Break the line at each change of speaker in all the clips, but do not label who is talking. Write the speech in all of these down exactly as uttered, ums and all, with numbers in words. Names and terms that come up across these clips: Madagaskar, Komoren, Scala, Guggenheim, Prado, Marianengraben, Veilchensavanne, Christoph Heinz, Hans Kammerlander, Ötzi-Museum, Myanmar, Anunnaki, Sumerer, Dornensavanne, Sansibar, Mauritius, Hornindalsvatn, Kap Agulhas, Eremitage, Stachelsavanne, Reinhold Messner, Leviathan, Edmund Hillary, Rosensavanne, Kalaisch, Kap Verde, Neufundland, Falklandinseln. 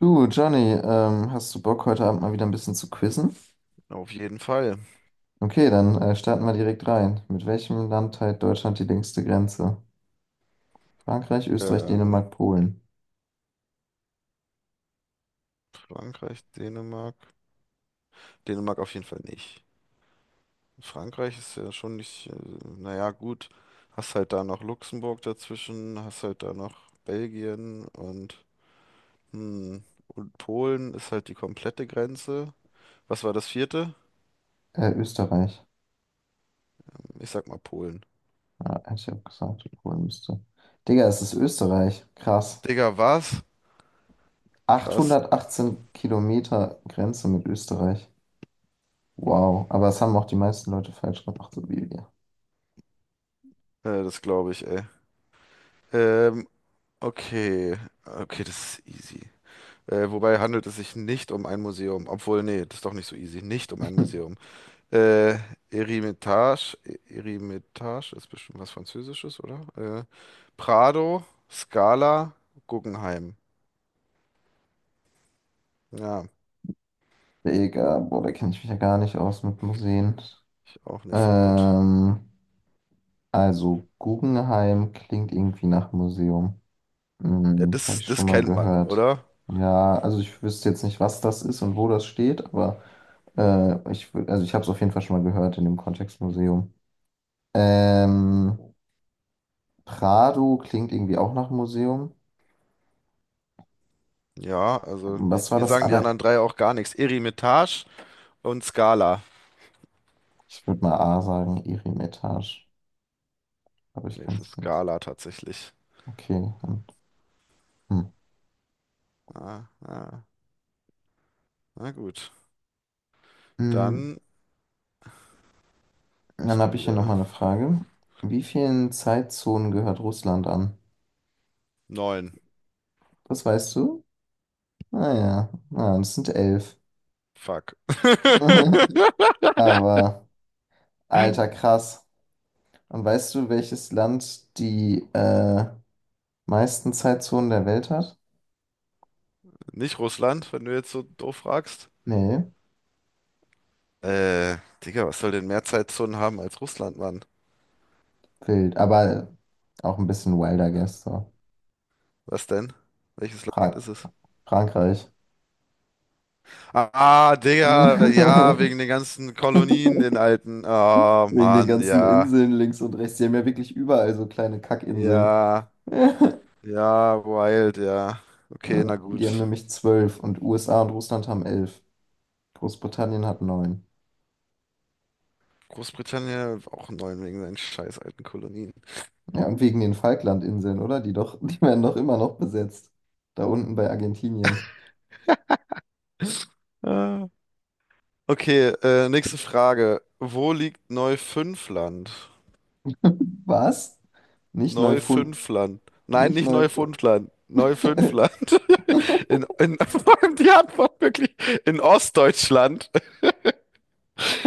Du, Johnny, ähm, hast du Bock, heute Abend mal wieder ein bisschen zu quizzen?
Auf jeden Fall.
Okay, dann äh, starten wir direkt rein. Mit welchem Land teilt Deutschland die längste Grenze? Frankreich, Österreich,
Ähm,
Dänemark, Polen.
Frankreich, Dänemark. Dänemark auf jeden Fall nicht. Frankreich ist ja schon nicht, äh, naja, gut. Hast halt da noch Luxemburg dazwischen, hast halt da noch Belgien und, hm, und Polen ist halt die komplette Grenze. Was war das vierte?
Äh, Österreich.
Ich sag mal Polen.
Ja, hätte ich auch gesagt, Polen müsste. Digga, es ist Österreich. Krass.
Digga, was? Krass.
Achthundertachtzehn Kilometer Grenze mit Österreich. Wow, aber das haben auch die meisten Leute falsch gemacht, so wie wir.
Äh, das glaube ich, ey. Ähm, okay. Okay, das ist easy. Äh, wobei handelt es sich nicht um ein Museum? Obwohl, nee, das ist doch nicht so easy. Nicht um ein Museum. Äh, Eremitage, Eremitage ist bestimmt was Französisches, oder? Äh, Prado, Scala, Guggenheim. Ja,
Digga, boah, da kenne ich mich ja gar nicht aus mit Museen.
ich auch nicht so gut.
Ähm, also Guggenheim klingt irgendwie nach Museum.
Ja,
Hm, habe
das,
ich
das
schon mal
kennt man,
gehört.
oder?
Ja, also ich wüsste jetzt nicht, was das ist und wo das steht, aber äh, ich, wü- also ich habe es auf jeden Fall schon mal gehört in dem Kontext Museum. Ähm, Prado klingt irgendwie auch nach Museum.
Ja, also ich-
Was war
mir
das
sagen die
aller?
anderen drei auch gar nichts. Eremitage und Scala.
Ich würde mal A sagen, Eremitage. Aber ich
Nee,
kann
es ist
es nicht.
Scala tatsächlich.
Okay. Und, hm.
Ah, ah, na gut.
Mm,
Dann
Dann
bist
habe
du
ich hier
wieder.
nochmal eine Frage. Wie vielen Zeitzonen gehört Russland an?
Neun.
Das weißt du? Naja, na, das sind elf.
Fuck.
Aber, alter, krass. Und weißt du, welches Land die äh, meisten Zeitzonen der Welt hat?
Nicht Russland, wenn du jetzt so doof fragst.
Nee,
Äh, Digga, was soll denn mehr Zeitzonen haben als Russland, Mann?
wild. Aber auch ein bisschen wilder, guess. So.
Was denn? Welches Land
Fra
ist es?
Frankreich.
Ah, Digga, ja, wegen den ganzen Kolonien, den alten. Oh,
Wegen den
Mann,
ganzen
ja.
Inseln links und rechts. Die haben ja wirklich überall so kleine Kackinseln.
Ja,
Ja.
ja, wild, ja. Okay, na
Die haben
gut.
nämlich zwölf und U S A und Russland haben elf. Großbritannien hat neun.
Großbritannien auch neun wegen seinen scheiß alten Kolonien.
Ja, und wegen den Falklandinseln, oder? Die doch, die werden doch immer noch besetzt. Da unten bei Argentinien.
Ah. Okay, äh, nächste Frage. Wo liegt Neufundland?
Was? Nicht Neufund.
Neufünfland. Nein,
Nicht
nicht
Neufund.
Neufundland. Neufünfland. In, in, vor allem die Antwort wirklich. In Ostdeutschland,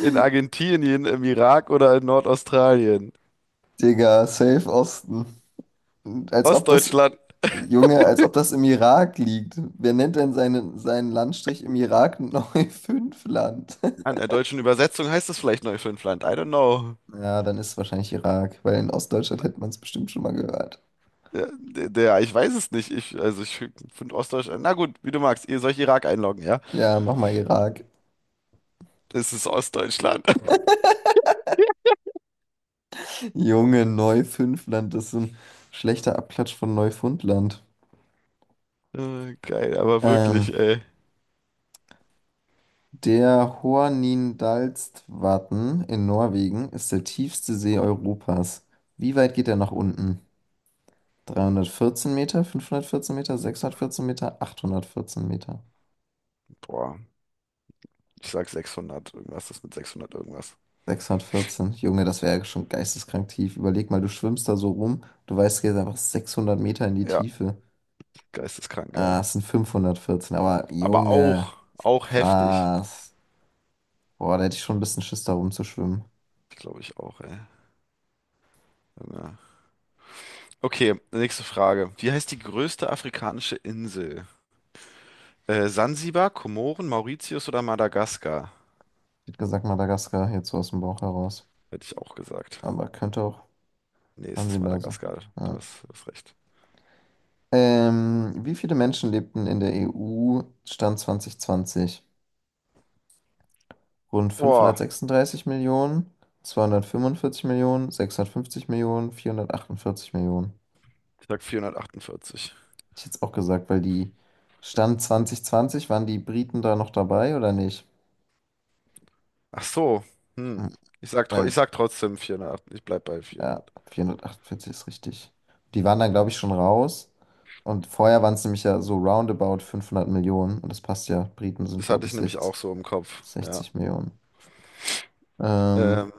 in Argentinien, im Irak oder in Nordaustralien?
Digga, safe Osten. Als ob das,
Ostdeutschland.
Junge, als ob das im Irak liegt. Wer nennt denn seinen, seinen Landstrich im Irak Neufundland?
An der deutschen Übersetzung heißt es vielleicht Neufünfland. I don't know.
Ja, dann ist es wahrscheinlich Irak, weil in Ostdeutschland hätte man es bestimmt schon mal gehört.
Ja, der, der, ich weiß es nicht. Ich, also ich finde Ostdeutschland. Na gut, wie du magst. Ihr sollt Irak einloggen, ja?
Ja, mach mal Irak.
Das ist Ostdeutschland.
Junge, Neufünfland, das ist so ein schlechter Abklatsch von Neufundland.
Äh, geil, aber
Ähm,
wirklich, ey.
der Hornindalsvatn in Norwegen ist der tiefste See Europas. Wie weit geht er nach unten? dreihundertvierzehn Meter, fünfhundertvierzehn Meter, sechshundertvierzehn Meter, achthundertvierzehn Meter.
Boah, ich sag sechshundert. Irgendwas ist mit sechshundert irgendwas.
sechshundertvierzehn. Junge, das wäre ja schon geisteskrank tief. Überleg mal, du schwimmst da so rum, du weißt, du gehst einfach sechshundert Meter in die
Ja.
Tiefe.
Geisteskrank,
Ah,
ja.
es sind fünfhundertvierzehn, aber
Aber
Junge,
auch, auch heftig.
krass. Boah, da hätte ich schon ein bisschen Schiss, da rumzuschwimmen.
Glaube ich auch, ey. Ja. Okay, nächste Frage. Wie heißt die größte afrikanische Insel? Äh, Sansibar, Komoren, Mauritius oder Madagaskar?
Ich hätte gesagt Madagaskar, jetzt so aus dem Bauch heraus.
Hätte ich auch gesagt.
Aber könnte auch
Nee, es ist
Sansibar sein.
Madagaskar. Du
Ja.
hast, du hast recht.
Ähm, wie viele Menschen lebten in der E U Stand zwanzig zwanzig? Rund
Boah,
fünfhundertsechsunddreißig Millionen, zweihundertfünfundvierzig Millionen, sechshundertfünfzig Millionen, vierhundertachtundvierzig Millionen.
ich sag vierhundertachtundvierzig.
Hätte ich jetzt auch gesagt, weil die Stand zweitausendzwanzig, waren die Briten da noch dabei oder nicht?
Ach so, hm.
Hm,
Ich sag, tro- ich
Weil
sag trotzdem vierhundertacht. Ich bleib bei
Ja,
vierhundert.
vierhundertachtundvierzig ist richtig. Die waren dann, glaube ich,
Nice.
schon raus. Und vorher waren es nämlich ja so roundabout fünfhundert Millionen. Und das passt ja. Briten sind,
Das hatte
glaube
ich
ich,
nämlich
sechzig,
auch so im Kopf. Ja.
sechzig Millionen. Ähm,
Ähm,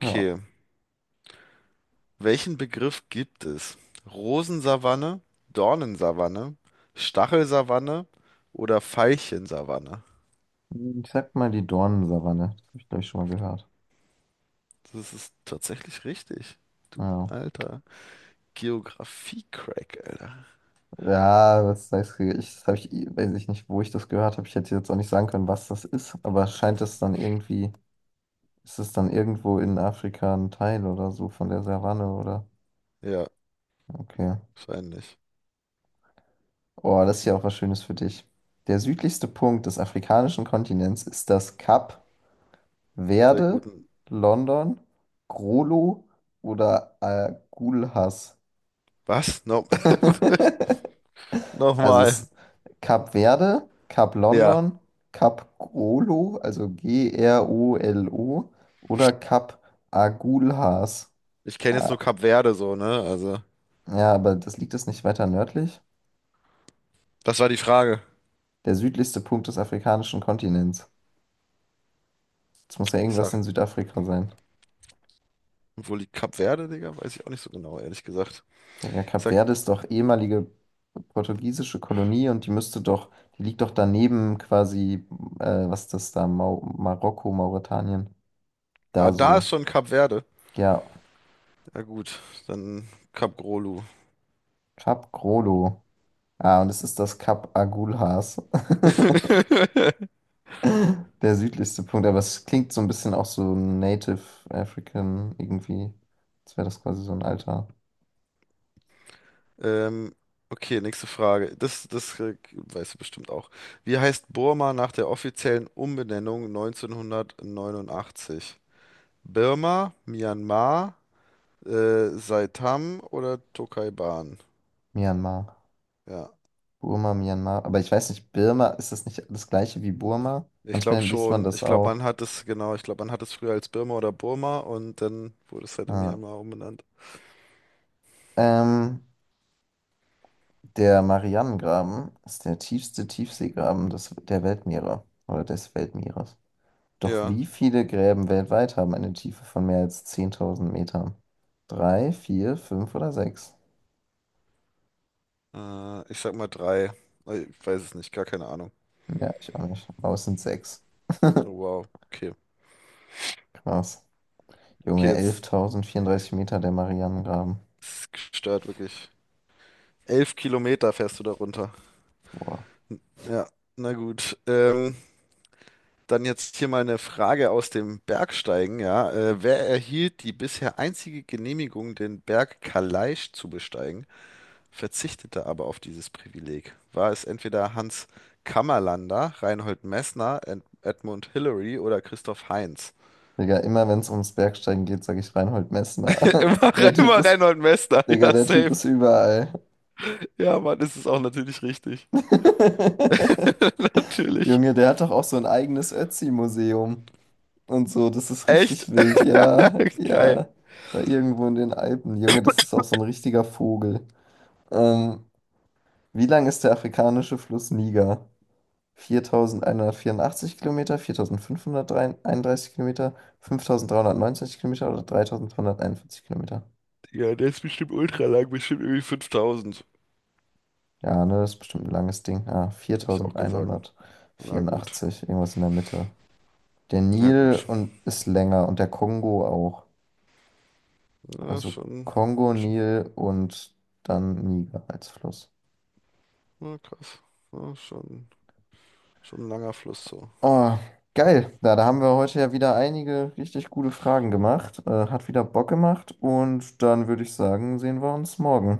ja,
Welchen Begriff gibt es? Rosensavanne, Dornensavanne, Stachelsavanne oder Veilchensavanne?
ich sag mal die Dornensavanne. Das habe ich, glaube ich, schon mal gehört.
Das ist tatsächlich richtig. Du
Ja,
alter Geografie-Crack, Alter.
ja was sagst du? Ich, das hab ich, weiß ich nicht, wo ich das gehört habe. Ich hätte jetzt auch nicht sagen können, was das ist. Aber scheint es dann irgendwie, ist es dann irgendwo in Afrika ein Teil oder so von der Savanne, oder?
Ja,
Okay.
wahrscheinlich.
Oh, das ist ja auch was Schönes für dich. Der südlichste Punkt des afrikanischen Kontinents ist das Kap
Der
Verde,
guten.
London, Grolo oder Agulhas.
Was? No
Also es
Nochmal.
ist Kap Verde, Kap
Ja.
London, Kap Grolo, also G-R-O-L-O oder Kap Agulhas.
Ich kenne jetzt
Ah,
nur Kap Verde so, ne? Also,
ja, aber das liegt es nicht weiter nördlich?
das war die Frage.
Der südlichste Punkt des afrikanischen Kontinents. Das muss ja
Ich
irgendwas
sage,
in Südafrika sein.
und wo liegt Kap Verde, Digga? Weiß ich auch nicht so genau, ehrlich gesagt.
Denke,
Ich
Kap
sag,
Verde ist doch ehemalige portugiesische Kolonie und die müsste doch, die liegt doch daneben quasi, äh, was ist das da, Mau Marokko, Mauretanien,
ah,
da
da ist
so.
schon Kap Verde.
Ja,
Na gut, dann Kap Grolu.
Kap Grolo. Ah, und es ist das Kap Agulhas. Der südlichste Punkt, aber es klingt so ein bisschen auch so Native African irgendwie. Als wäre das quasi so ein alter.
Ähm, okay, nächste Frage. Das, das äh, weißt du bestimmt auch. Wie heißt Burma nach der offiziellen Umbenennung neunzehnhundertneunundachtzig? Birma, Myanmar, äh, Saitam oder Tokaiban?
Myanmar.
Ja,
Burma, Myanmar. Aber ich weiß nicht, Birma, ist das nicht das gleiche wie Burma?
ich glaube
Manchmal liest man
schon.
das
Ich glaube,
auch.
man hat es, genau, ich glaube, man hat es früher als Birma oder Burma und dann wurde es halt in
Ah.
Myanmar umbenannt.
Ähm, der Marianengraben ist der tiefste Tiefseegraben des, der Weltmeere oder des Weltmeeres. Doch
Ja,
wie viele Gräben weltweit haben eine Tiefe von mehr als zehntausend Metern? Drei, vier, fünf oder sechs?
äh, ich sag mal drei. Äh, Ich weiß es nicht, gar keine Ahnung.
Ja, ich auch nicht. Aber es sind sechs.
Oh, wow, okay.
Krass.
Okay,
Junge,
jetzt
elftausendvierunddreißig Meter der Marianengraben.
ist gestört wirklich. Elf Kilometer fährst du da runter.
Boah.
Ja, na gut. Ähm, dann jetzt hier mal eine Frage aus dem Bergsteigen, ja. Äh, wer erhielt die bisher einzige Genehmigung, den Berg Kalaisch zu besteigen, verzichtete aber auf dieses Privileg? War es entweder Hans Kammerlander, Reinhold Messner, Ed Edmund Hillary oder Christoph Heinz?
Digga, immer wenn es ums Bergsteigen geht, sage ich Reinhold Messner. Der
Immer,
Typ
immer
ist,
Reinhold Messner,
Digga,
ja,
der Typ
safe.
ist überall.
Ja, Mann, das ist auch natürlich richtig. Natürlich.
Junge, der hat doch auch so ein eigenes Ötzi-Museum und so. Das ist
Echt?
richtig wild. Ja,
Geil.
ja. Da irgendwo in den Alpen. Junge, das ist auch so ein richtiger Vogel. Ähm, wie lang ist der afrikanische Fluss Niger? Viertausendeinhundertvierundachtzig Kilometer, viertausendfünfhunderteinunddreißig Kilometer, fünftausenddreihundertneunzig Kilometer oder dreitausendzweihunderteinundvierzig Kilometer?
Ja, der ist bestimmt ultra lang, bestimmt irgendwie fünftausend.
Ja, ne, das ist bestimmt ein langes Ding. Ah,
Hätte ich auch gesagt. Na gut.
viertausendeinhundertvierundachtzig, irgendwas in der Mitte. Der
Na
Nil
gut.
und ist länger und der Kongo auch.
Ja,
Also
schon,
Kongo,
schon,
Nil und dann Niger als Fluss.
na krass. Ja, schon, schon ein langer Fluss so.
Oh, geil. Da, da haben wir heute ja wieder einige richtig gute Fragen gemacht. Äh, hat wieder Bock gemacht. Und dann würde ich sagen, sehen wir uns morgen.